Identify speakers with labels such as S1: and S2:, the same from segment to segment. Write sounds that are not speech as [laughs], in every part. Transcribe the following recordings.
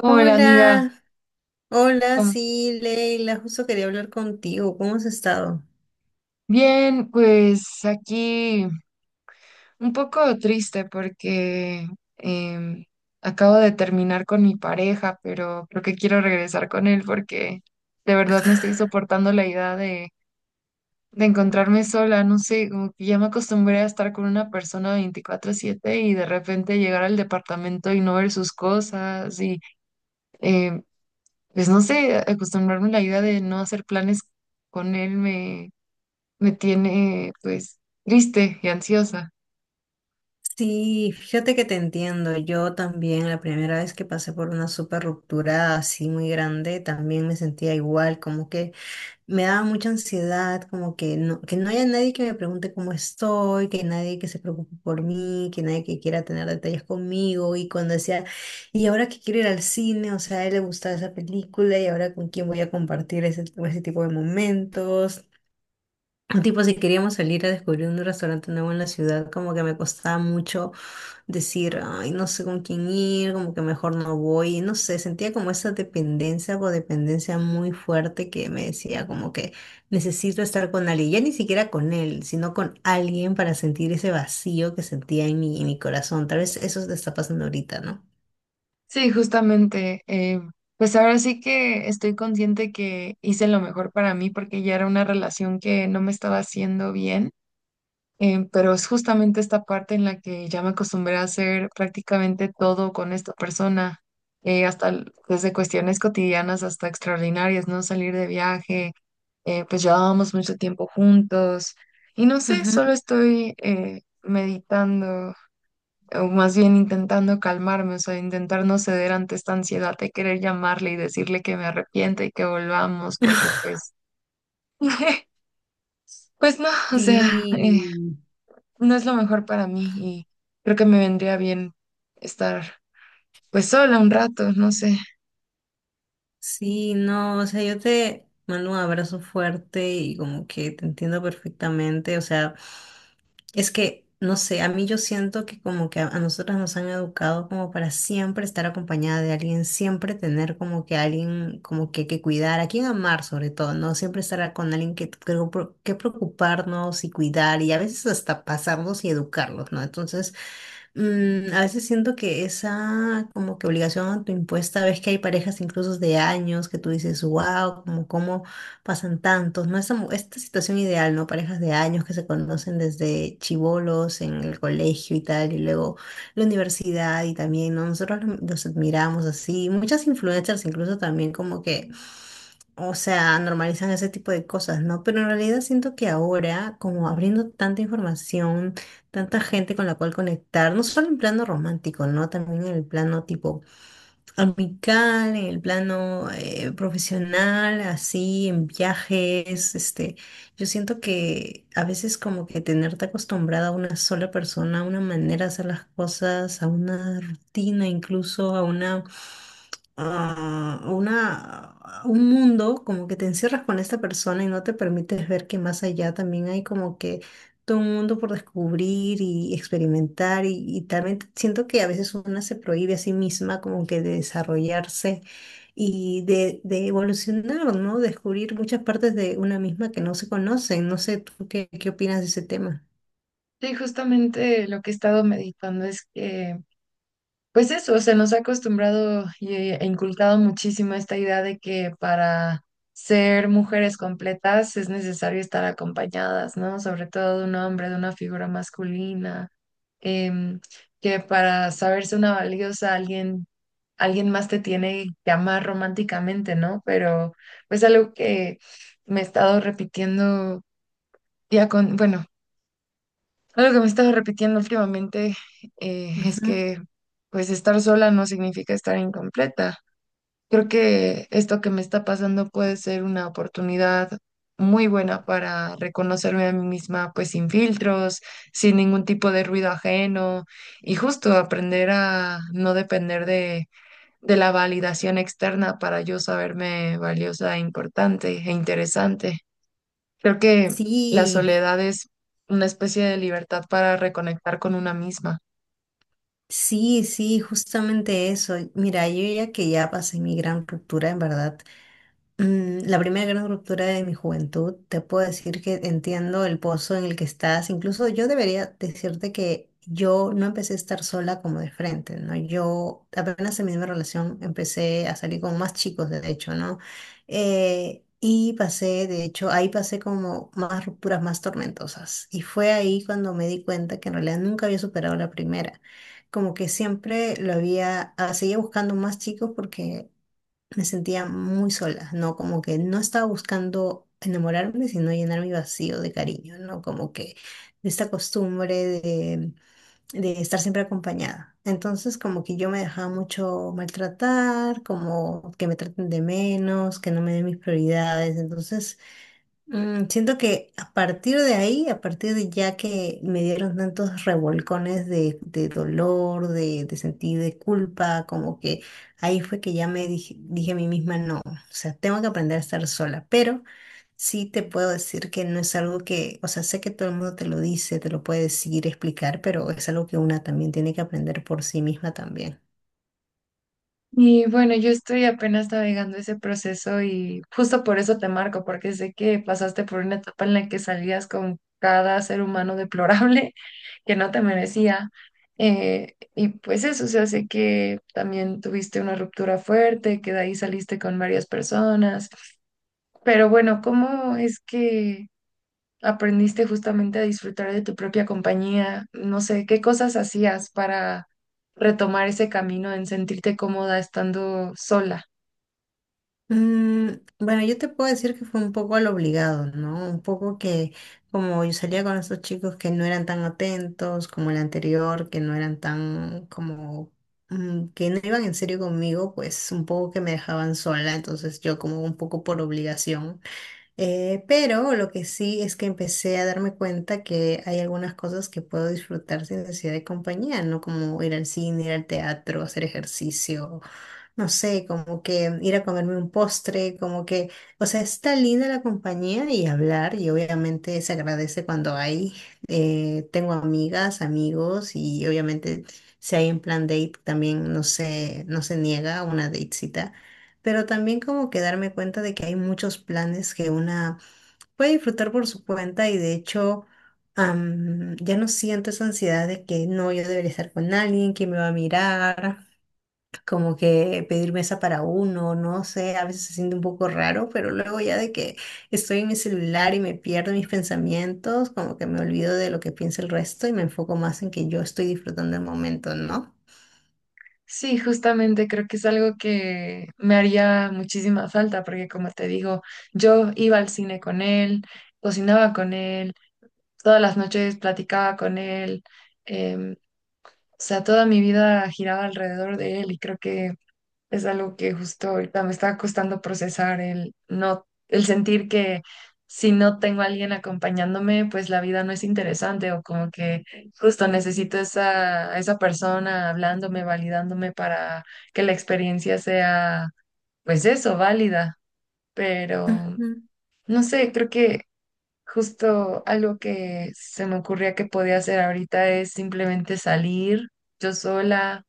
S1: Hola amiga.
S2: Hola, hola,
S1: ¿Cómo-
S2: sí, Leila, justo quería hablar contigo. ¿Cómo has estado?
S1: Bien, pues aquí un poco triste porque em, acabo de terminar con mi pareja, pero creo que quiero regresar con él porque de verdad no estoy soportando la idea de encontrarme sola, no sé, como que ya me acostumbré a estar con una persona 24/7 y de repente llegar al departamento y no ver sus cosas y em, pues no sé, acostumbrarme a la idea de no hacer planes con él me tiene pues triste y ansiosa.
S2: Sí, fíjate que te entiendo. Yo también, la primera vez que pasé por una super ruptura así muy grande, también me sentía igual, como que me daba mucha ansiedad, como que no haya nadie que me pregunte cómo estoy, que nadie que se preocupe por mí, que nadie que quiera tener detalles conmigo. Y cuando decía, y ahora que quiero ir al cine, o sea, a él le gustaba esa película, y ahora con quién voy a compartir ese tipo de momentos. Tipo, si queríamos salir a descubrir un restaurante nuevo en la ciudad, como que me costaba mucho decir, ay, no sé con quién ir, como que mejor no voy, no sé, sentía como esa dependencia, codependencia muy fuerte que me decía como que necesito estar con alguien, ya ni siquiera con él, sino con alguien para sentir ese vacío que sentía en mi corazón. Tal vez eso te está pasando ahorita, ¿no?
S1: Sí, justamente, pues ahora sí que estoy consciente que hice lo mejor para mí porque ya era una relación que no me estaba haciendo bien, pero es justamente esta parte en la que ya me acostumbré a hacer prácticamente todo con esta persona, desde cuestiones cotidianas hasta extraordinarias, ¿no? Salir de viaje, pues llevábamos mucho tiempo juntos y no sé,
S2: Ujú.
S1: solo estoy meditando o más bien intentando calmarme, o sea, intentar no ceder ante esta ansiedad de querer llamarle y decirle que me arrepiento y que volvamos, porque
S2: [laughs]
S1: pues, [laughs] pues no, o sea,
S2: Sí.
S1: no es lo mejor para mí y creo que me vendría bien estar pues sola un rato, no sé.
S2: Sí, no, o sea, yo te mando un abrazo fuerte y como que te entiendo perfectamente, o sea, es que, no sé, a mí yo siento que como que a nosotras nos han educado como para siempre estar acompañada de alguien, siempre tener como que alguien como que cuidar, a quien amar sobre todo, ¿no? Siempre estar con alguien que preocuparnos y cuidar y a veces hasta pasarnos y educarlos, ¿no? Entonces… Mm, a veces siento que esa como que obligación autoimpuesta, ves que hay parejas incluso de años que tú dices, wow, como cómo pasan tantos, ¿no? Esta, esta situación ideal, ¿no? Parejas de años que se conocen desde chibolos en el colegio y tal, y luego la universidad y también, ¿no? Nosotros los admiramos así, muchas influencers incluso también como que o sea, normalizan ese tipo de cosas, ¿no? Pero en realidad siento que ahora, como abriendo tanta información, tanta gente con la cual conectar, no solo en plano romántico, ¿no? También en el plano tipo amical, en el plano profesional, así, en viajes, este, yo siento que a veces como que tenerte acostumbrada a una sola persona, a una manera de hacer las cosas, a una rutina, incluso a una un mundo, como que te encierras con esta persona y no te permites ver que más allá también hay como que todo un mundo por descubrir y experimentar y también siento que a veces una se prohíbe a sí misma como que de desarrollarse y de evolucionar, ¿no? Descubrir muchas partes de una misma que no se conocen. No sé, ¿tú qué opinas de ese tema?
S1: Sí, justamente lo que he estado meditando es que, pues eso, se nos ha acostumbrado y e inculcado muchísimo esta idea de que para ser mujeres completas es necesario estar acompañadas, ¿no? Sobre todo de un hombre, de una figura masculina, em, que para saberse una valiosa alguien, alguien más te tiene que amar románticamente, ¿no? Pero pues algo que me he estado repitiendo ya con, bueno, algo que me estaba repitiendo últimamente es
S2: Ujú.
S1: que pues estar sola no significa estar incompleta. Creo que esto que me está pasando puede ser una oportunidad muy buena para reconocerme a mí misma pues sin filtros, sin ningún tipo de ruido ajeno y justo aprender a no depender de la validación externa para yo saberme valiosa, importante e interesante. Creo que la
S2: Sí.
S1: soledad es una especie de libertad para reconectar con una misma.
S2: Sí, sí, justamente eso. Mira, yo ya que ya pasé mi gran ruptura, en verdad, mm, la primera gran ruptura de mi juventud, te puedo decir que entiendo el pozo en el que estás. Incluso yo debería decirte que yo no empecé a estar sola como de frente, ¿no? Yo apenas en mi misma relación empecé a salir con más chicos, de hecho, ¿no? Y pasé, de hecho, ahí pasé como más rupturas más tormentosas. Y fue ahí cuando me di cuenta que en realidad nunca había superado la primera. Como que siempre lo había, seguía buscando más chicos porque me sentía muy sola, ¿no? Como que no estaba buscando enamorarme, sino llenar mi vacío de cariño, ¿no? Como que de esta costumbre de, de estar siempre acompañada. Entonces, como que yo me dejaba mucho maltratar, como que me traten de menos, que no me den mis prioridades. Entonces, mm, siento que a partir de ahí, a partir de ya que me dieron tantos revolcones de dolor, de sentir de culpa, como que ahí fue que ya me dije, dije a mí misma, no, o sea, tengo que aprender a estar sola, pero sí te puedo decir que no es algo que, o sea, sé que todo el mundo te lo dice, te lo puede decir, explicar, pero es algo que una también tiene que aprender por sí misma también.
S1: Y bueno, yo estoy apenas navegando ese proceso y justo por eso te marco, porque sé que pasaste por una etapa en la que salías con cada ser humano deplorable [laughs] que no te merecía. Y pues eso, o sea, sé que también tuviste una ruptura fuerte, que de ahí saliste con varias personas. Pero bueno, ¿cómo es que aprendiste justamente a disfrutar de tu propia compañía? No sé, ¿qué cosas hacías para retomar ese camino en sentirte cómoda estando sola?
S2: Mm, bueno, yo te puedo decir que fue un poco al obligado, ¿no? Un poco que como yo salía con estos chicos que no eran tan atentos como el anterior, que no eran tan como mm, que no iban en serio conmigo, pues un poco que me dejaban sola, entonces yo como un poco por obligación. Pero lo que sí es que empecé a darme cuenta que hay algunas cosas que puedo disfrutar sin necesidad de compañía, ¿no? Como ir al cine, ir al teatro, hacer ejercicio, no sé, como que ir a comerme un postre, como que, o sea, está linda la compañía y hablar, y obviamente se agradece cuando hay, tengo amigas, amigos, y obviamente si hay en plan date también no se niega a una datecita, pero también como que darme cuenta de que hay muchos planes que una puede disfrutar por su cuenta y de hecho… ya no siento esa ansiedad de que no, yo debería estar con alguien, que me va a mirar, como que pedir mesa para uno, no sé, a veces se siente un poco raro, pero luego ya de que estoy en mi celular y me pierdo mis pensamientos, como que me olvido de lo que piensa el resto y me enfoco más en que yo estoy disfrutando el momento, ¿no?
S1: Sí, justamente creo que es algo que me haría muchísima falta porque como te digo, yo iba al cine con él, cocinaba con él, todas las noches platicaba con él, em, o sea, toda mi vida giraba alrededor de él y creo que es algo que justo ahorita me está costando procesar el no, el sentir que si no tengo a alguien acompañándome, pues la vida no es interesante o como que justo necesito a esa persona hablándome, validándome para que la experiencia sea, pues eso, válida. Pero
S2: Ujú,
S1: no sé, creo que justo algo que se me ocurría que podía hacer ahorita es simplemente salir yo sola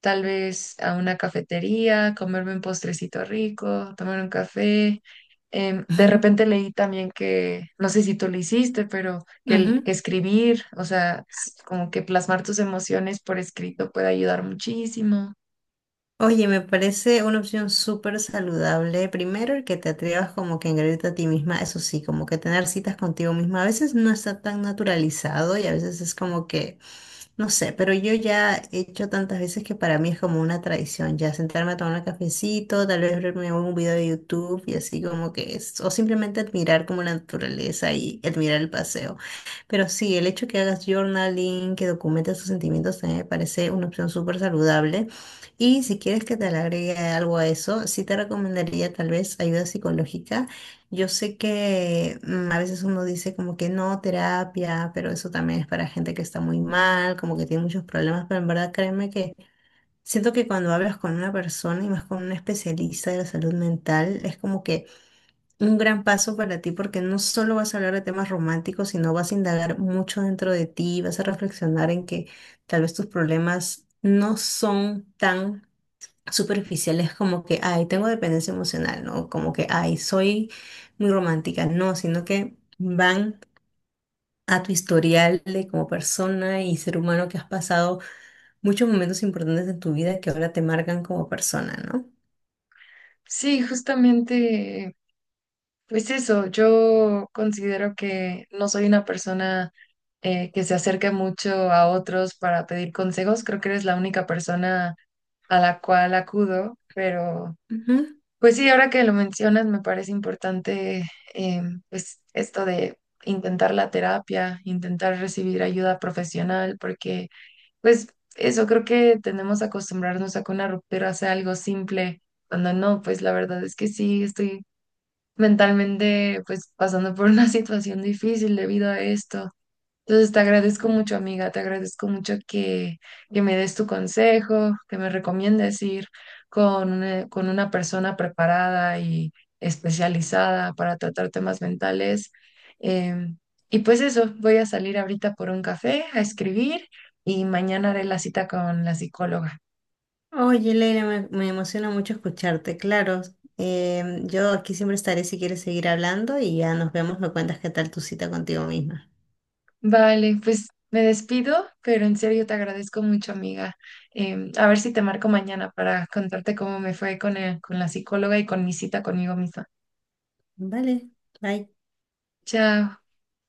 S1: tal vez a una cafetería, comerme un postrecito rico, tomar un café. De
S2: ujú,
S1: repente leí también que, no sé si tú lo hiciste, pero que
S2: ujú.
S1: escribir, o sea, como que plasmar tus emociones por escrito puede ayudar muchísimo.
S2: Oye, me parece una opción súper saludable. Primero, el que te atrevas como que a engreírte a ti misma, eso sí, como que tener citas contigo misma a veces no está tan naturalizado y a veces es como que no sé, pero yo ya he hecho tantas veces que para mí es como una tradición, ya sentarme a tomar un cafecito, tal vez verme un video de YouTube y así como que es, o simplemente admirar como la naturaleza y admirar el paseo. Pero sí, el hecho que hagas journaling, que documentes tus sentimientos, también me parece una opción súper saludable. Y si quieres que te le agregue algo a eso, sí te recomendaría tal vez ayuda psicológica, yo sé que mm, a veces uno dice como que no, terapia, pero eso también es para gente que está muy mal, como que tiene muchos problemas, pero en verdad créeme que siento que cuando hablas con una persona y más con un especialista de la salud mental, es como que un gran paso para ti porque no solo vas a hablar de temas románticos, sino vas a indagar mucho dentro de ti, vas a reflexionar en que tal vez tus problemas no son tan superficial es como que, ay, tengo dependencia emocional, ¿no? Como que, ay, soy muy romántica, no, sino que van a tu historial de como persona y ser humano que has pasado muchos momentos importantes en tu vida que ahora te marcan como persona, ¿no?
S1: Sí, justamente, pues eso, yo considero que no soy una persona que se acerque mucho a otros para pedir consejos, creo que eres la única persona a la cual acudo. Pero
S2: Ujú.
S1: pues sí, ahora que lo mencionas, me parece importante, eh, pues esto de intentar la terapia, intentar recibir ayuda profesional, porque pues eso, creo que tenemos que acostumbrarnos a que una ruptura sea algo simple, cuando no, pues la verdad es que sí, estoy mentalmente pues pasando por una [laughs] situación difícil debido a esto. Entonces te agradezco mucho, amiga, te agradezco mucho que me des tu consejo, que me recomiendes ir con una persona preparada y especializada para tratar temas mentales. Em, y pues eso, voy a salir ahorita por un café a escribir y mañana haré la cita con la psicóloga.
S2: Oye, Leila, me emociona mucho escucharte, claro. Yo aquí siempre estaré si quieres seguir hablando y ya nos vemos, me cuentas qué tal tu cita contigo misma.
S1: Vale, pues me despido, pero en serio te agradezco mucho, amiga. A ver si te marco mañana para contarte cómo me fue con la psicóloga y con mi cita conmigo misma.
S2: Vale, bye.
S1: Chao.